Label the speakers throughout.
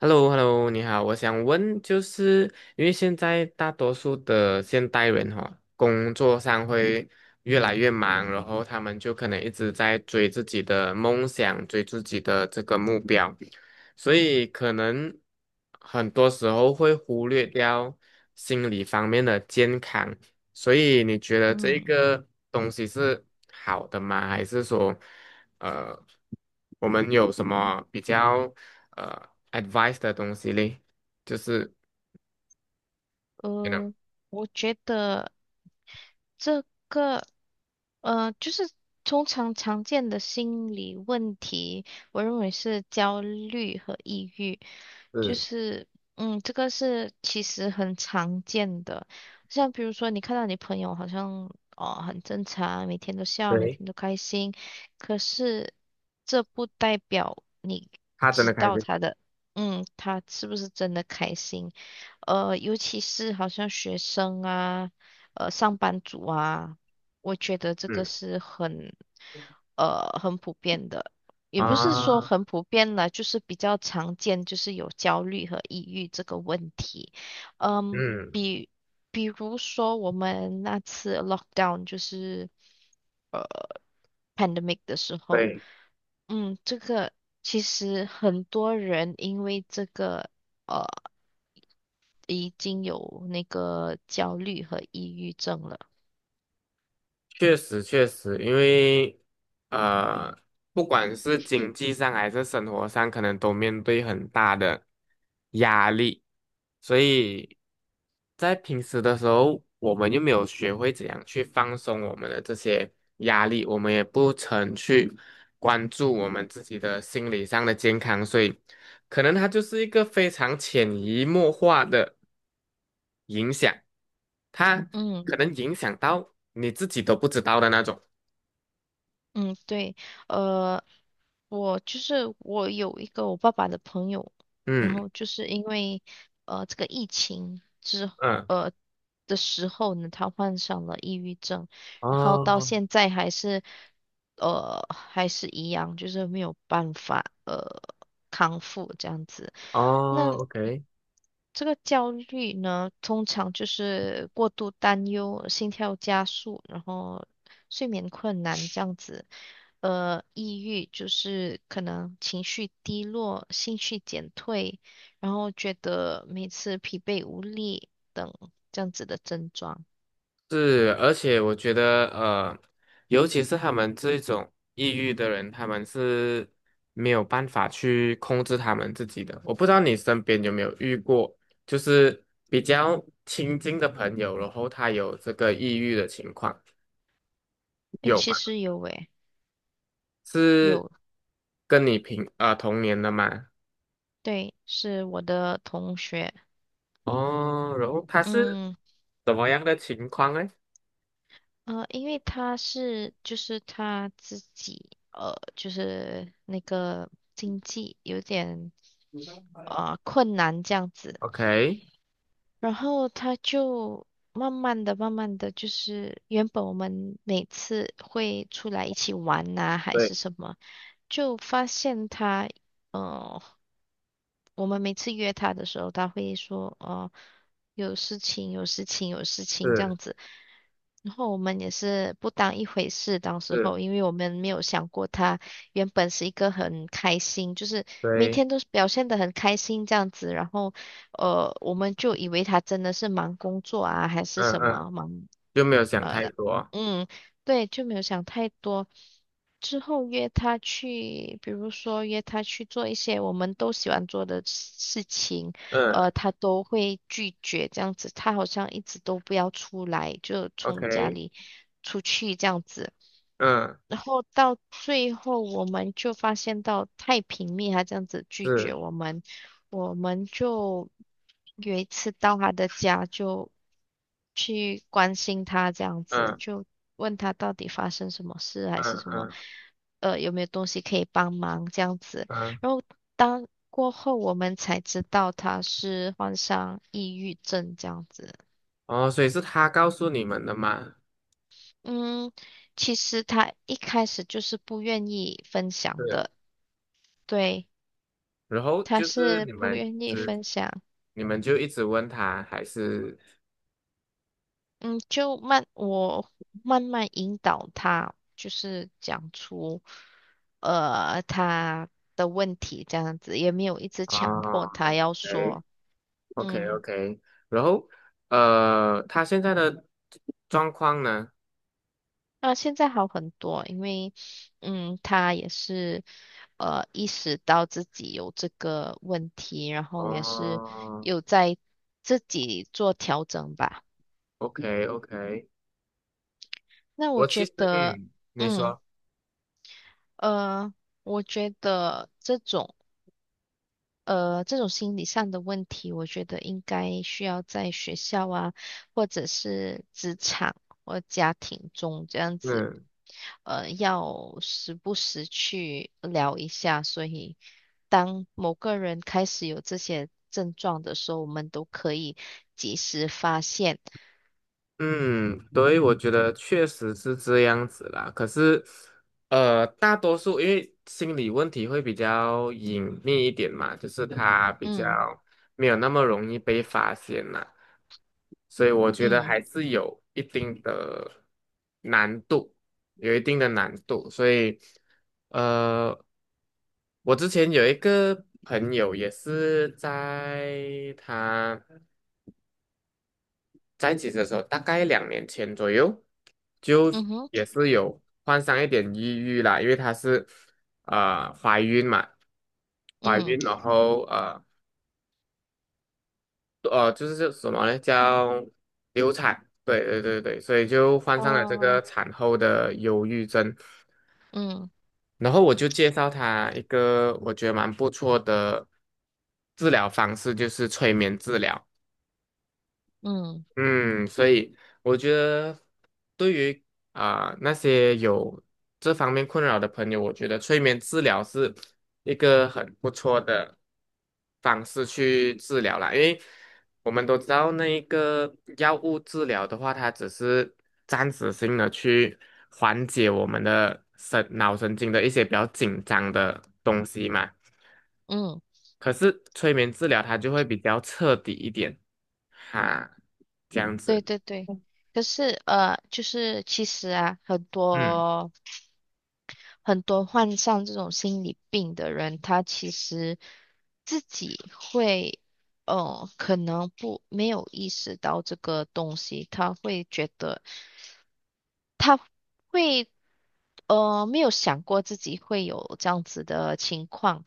Speaker 1: h e l l o Hello 你好，我想问，就是因为现在大多数的现代人哈、工作上会越来越忙，然后他们就可能一直在追自己的梦想，追自己的这个目标，所以可能很多时候会忽略掉心理方面的健康。所以你觉得这
Speaker 2: 嗯，
Speaker 1: 个东西是好的吗？还是说，呃，我们有什么比较？呃？advice 的东西嘞，就是，you know，
Speaker 2: 呃，我觉得这个，呃，就是通常常见的心理问题，我认为是焦虑和抑郁。就
Speaker 1: 是，
Speaker 2: 是，这个是其实很常见的，像比如说你看到你朋友好像，哦，很正常，每天都笑，每
Speaker 1: 对，
Speaker 2: 天都开心，可是这不代表你
Speaker 1: 他真
Speaker 2: 知
Speaker 1: 的开
Speaker 2: 道
Speaker 1: 心。
Speaker 2: 他的，嗯，他是不是真的开心。呃，尤其是好像学生啊，上班族啊，我觉得这个
Speaker 1: 嗯
Speaker 2: 是很普遍的，也不是说
Speaker 1: 啊，
Speaker 2: 很普遍了，就是比较常见，就是有焦虑和抑郁这个问题。嗯，
Speaker 1: 嗯，
Speaker 2: 比比如说我们那次 lockdown， 就是呃 pandemic 的时候。
Speaker 1: 对。
Speaker 2: 嗯，这个其实很多人因为这个，呃。已经有那个焦虑和抑郁症了。
Speaker 1: 确实确实，因为呃，不管是经济上还是生活上，可能都面对很大的压力，所以在平时的时候，我们又没有学会怎样去放松我们的这些压力，我们也不曾去关注我们自己的心理上的健康，所以可能它就是一个非常潜移默化的影响，他
Speaker 2: 嗯
Speaker 1: 可能影响到你自己都不知道的那种。
Speaker 2: 嗯，对。呃，我就是我有一个我爸爸的朋友，然
Speaker 1: 嗯
Speaker 2: 后就是因为这个疫情
Speaker 1: 嗯，
Speaker 2: 呃的时候呢，他患上了抑郁症。然后到
Speaker 1: 哦
Speaker 2: 现在还是，呃，还是一样，就是没有办法康复这样子。
Speaker 1: 哦
Speaker 2: 那
Speaker 1: ，OK，
Speaker 2: 这个焦虑呢，通常就是过度担忧、心跳加速，然后睡眠困难这样子。呃，抑郁就是可能情绪低落、兴趣减退，然后觉得每次疲惫无力等这样子的症状。
Speaker 1: 是，而且我觉得尤其是他们这种抑郁的人，他们是没有办法去控制他们自己的。我不知道你身边有没有遇过，就是比较亲近的朋友，然后他有这个抑郁的情况，
Speaker 2: 哎，
Speaker 1: 有
Speaker 2: 其
Speaker 1: 吗？
Speaker 2: 实有诶。
Speaker 1: 是跟你同年的吗？
Speaker 2: 对，是我的同学。
Speaker 1: 哦，然后他是
Speaker 2: 嗯，
Speaker 1: 怎么样的情况呢
Speaker 2: 呃，因为他自己，就是那个经济有点困难这样子。
Speaker 1: ？OK，
Speaker 2: 然后他就慢慢的，就是原本我们每次会出来一起玩呐、还是
Speaker 1: 对，
Speaker 2: 什么，就发现他。嗯，我们每次约他的时候，他会说，哦，有事情，有事情，有事情这样
Speaker 1: 是
Speaker 2: 子。然后我们也是不当一回事，当时
Speaker 1: 是，
Speaker 2: 候，因为我们没有想过他原本是一个很开心，就是每
Speaker 1: 对，
Speaker 2: 天都是表现的很开心这样子。然后，呃，我们就以为他真的是忙工作啊，还是
Speaker 1: 嗯
Speaker 2: 什
Speaker 1: 嗯，
Speaker 2: 么忙。
Speaker 1: 就没有想太多，
Speaker 2: 嗯，对，就没有想太多。之后约他去，比如说约他去做一些我们都喜欢做的事情，
Speaker 1: 嗯
Speaker 2: 呃，他都会拒绝这样子。他好像一直都不要出来，就从家
Speaker 1: ，OK，
Speaker 2: 里出去这样子。
Speaker 1: 嗯，
Speaker 2: 然后到最后，我们就发现到太平蜜，他这样子拒绝
Speaker 1: 是，
Speaker 2: 我们。我们就有一次到他的家，就去关心他，这样子
Speaker 1: 嗯
Speaker 2: 就问他到底发生什么事，还是
Speaker 1: 嗯
Speaker 2: 什么，
Speaker 1: 嗯
Speaker 2: 呃，有没有东西可以帮忙这样子。
Speaker 1: 嗯，
Speaker 2: 然后当过后，我们才知道他是患上抑郁症这样子。
Speaker 1: 哦，所以是他告诉你们的嘛？
Speaker 2: 嗯，其实他一开始就是不愿意分享
Speaker 1: 是，
Speaker 2: 的。对，
Speaker 1: 然后
Speaker 2: 他
Speaker 1: 就是
Speaker 2: 是不愿意分享。
Speaker 1: 你们就一直问他，还是
Speaker 2: 嗯，就慢，我慢慢引导他，就是讲出，呃，他的问题这样子，也没有一直强迫
Speaker 1: 哦
Speaker 2: 他要说。
Speaker 1: ，OK，OK OK，
Speaker 2: 嗯，
Speaker 1: OK，然后他现在的状况呢？
Speaker 2: 那现在好很多，因为，嗯，他也是，呃，意识到自己有这个问题，然后也是
Speaker 1: 哦
Speaker 2: 有在自己做调整吧。
Speaker 1: ，OK OK，
Speaker 2: 那我
Speaker 1: 我其
Speaker 2: 觉
Speaker 1: 实，
Speaker 2: 得，
Speaker 1: 嗯，你
Speaker 2: 嗯，
Speaker 1: 说，
Speaker 2: 呃，我觉得这种，这种心理上的问题，我觉得应该需要在学校啊，或者是职场或家庭中这样子，
Speaker 1: 嗯
Speaker 2: 呃，要时不时去聊一下。所以，当某个人开始有这些症状的时候，我们都可以及时发现。
Speaker 1: 嗯，对，我觉得确实是这样子啦。可是，大多数因为心理问题会比较隐秘一点嘛，就是他比较
Speaker 2: 嗯。
Speaker 1: 没有那么容易被发现啦，所以我觉得
Speaker 2: 嗯。
Speaker 1: 还是有一定的难度，有一定的难度。所以，呃，我之前有一个朋友也是在一起的时候，大概2年前左右，就
Speaker 2: 嗯哼。
Speaker 1: 也是有患上一点抑郁啦，因为她是怀孕嘛，怀
Speaker 2: 嗯。
Speaker 1: 孕然后就是叫什么呢？叫流产，对对对对，所以就患上了这个
Speaker 2: 哦。
Speaker 1: 产后的忧郁症。
Speaker 2: 嗯。
Speaker 1: 然后我就介绍她一个我觉得蛮不错的治疗方式，就是催眠治疗。
Speaker 2: 嗯。
Speaker 1: 嗯，所以我觉得对于啊、那些有这方面困扰的朋友，我觉得催眠治疗是一个很不错的方式去治疗啦。因为我们都知道，那一个药物治疗的话，它只是暂时性的去缓解我们的神脑神经的一些比较紧张的东西嘛。
Speaker 2: 嗯，
Speaker 1: 可是催眠治疗它就会比较彻底一点，哈，这样
Speaker 2: 对
Speaker 1: 子。
Speaker 2: 对对。可是，呃，就是其实啊，很
Speaker 1: 嗯。
Speaker 2: 多。很多患上这种心理病的人，他其实自己会，呃，可能不没有意识到这个东西。他会觉得。他会，呃，没有想过自己会有这样子的情况，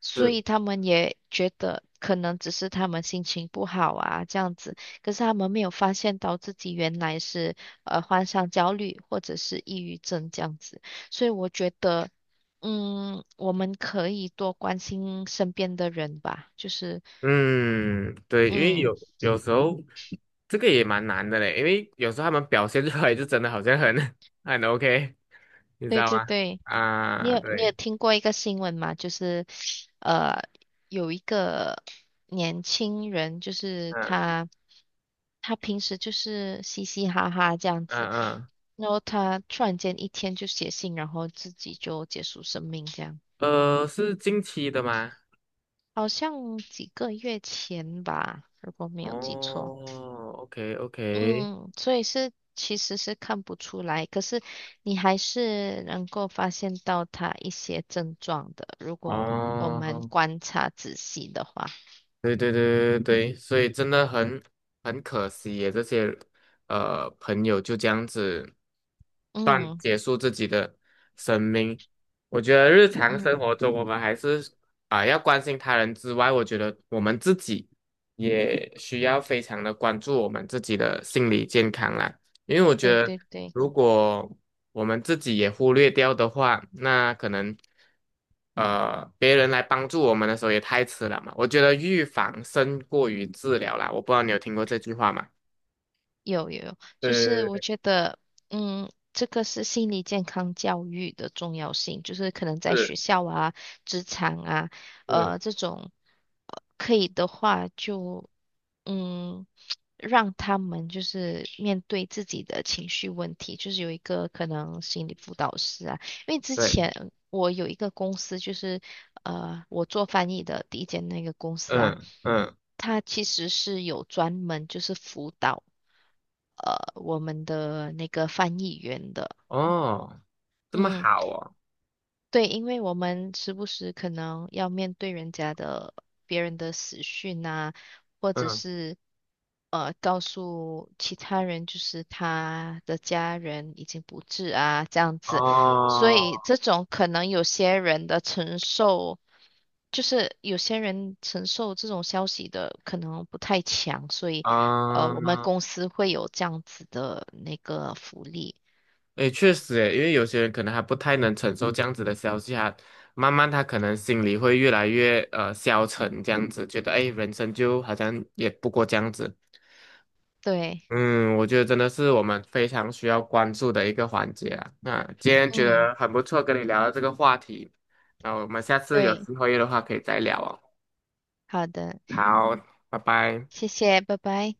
Speaker 2: 所
Speaker 1: 是，
Speaker 2: 以他们也觉得可能只是他们心情不好啊，这样子。可是他们没有发现到自己原来是患上焦虑或者是抑郁症这样子。所以我觉得，嗯，我们可以多关心身边的人吧。
Speaker 1: 嗯，对，因为
Speaker 2: 嗯，
Speaker 1: 有时候这个也蛮难的嘞，因为有时候他们表现出来就真的好像很 很 OK，你知
Speaker 2: 对
Speaker 1: 道
Speaker 2: 对
Speaker 1: 吗？
Speaker 2: 对。你
Speaker 1: 啊，
Speaker 2: 有你有
Speaker 1: 对，
Speaker 2: 听过一个新闻吗？就是，呃，有一个年轻人，就是
Speaker 1: 嗯
Speaker 2: 他平时就是嘻嘻哈哈这样子，
Speaker 1: 嗯嗯，
Speaker 2: 然后他突然间一天就写信，然后自己就结束生命这样。
Speaker 1: 是近期的吗？
Speaker 2: 好像几个月前吧，如果没有记错。
Speaker 1: 哦，OK OK，
Speaker 2: 嗯，所以是其实是看不出来，可是你还是能够发现到他一些症状的，如果我们
Speaker 1: 哦，
Speaker 2: 观察仔细的话。
Speaker 1: 对对对对对，所以真的很可惜耶，这些朋友就这样子
Speaker 2: 嗯。
Speaker 1: 结束自己的生命。我觉得日常生
Speaker 2: 嗯，
Speaker 1: 活中，我们还是啊、要关心他人之外，我觉得我们自己也需要非常的关注我们自己的心理健康啦。因为我觉
Speaker 2: 对
Speaker 1: 得，
Speaker 2: 对对。
Speaker 1: 如果我们自己也忽略掉的话，那可能，别人来帮助我们的时候也太迟了嘛。我觉得预防胜过于治疗啦。我不知道你有听过这句话吗？
Speaker 2: 有有有，就是
Speaker 1: 对
Speaker 2: 我
Speaker 1: 对
Speaker 2: 觉得，嗯，这个是心理健康教育的重要性，就是可能在
Speaker 1: 对对
Speaker 2: 学校啊、职场啊，
Speaker 1: 是，是
Speaker 2: 呃，这种，呃，可以的话就，嗯，让他们就是面对自己的情绪问题，就是有一个可能心理辅导师啊。因为之
Speaker 1: 对，
Speaker 2: 前我有一个公司，就是呃，我做翻译的第一间那个公司啊，
Speaker 1: 嗯嗯，
Speaker 2: 它其实是有专门就是辅导，我们的那个翻译员的。
Speaker 1: 哦，这么
Speaker 2: 嗯，
Speaker 1: 好哦，
Speaker 2: 对，因为我们时不时可能要面对人家的别人的死讯啊，或者
Speaker 1: 嗯，
Speaker 2: 是告诉其他人，就是他的家人已经不治啊，这样子。所以
Speaker 1: 哦，
Speaker 2: 这种可能有些人承受这种消息的可能不太强，所以我们
Speaker 1: 啊，
Speaker 2: 公司会有这样子的那个福利。
Speaker 1: 诶，确实诶，因为有些人可能还不太能承受这样子的消息啊，慢慢他可能心里会越来越消沉，这样子觉得诶，人生就好像也不过这样子。
Speaker 2: 对。
Speaker 1: 嗯，我觉得真的是我们非常需要关注的一个环节啊。那今天觉
Speaker 2: 嗯，
Speaker 1: 得很不错，跟你聊到这个话题，那我们下次有
Speaker 2: 对。
Speaker 1: 机会的话可以再聊哦。
Speaker 2: 好的，
Speaker 1: 好，拜拜。
Speaker 2: 谢谢，拜拜。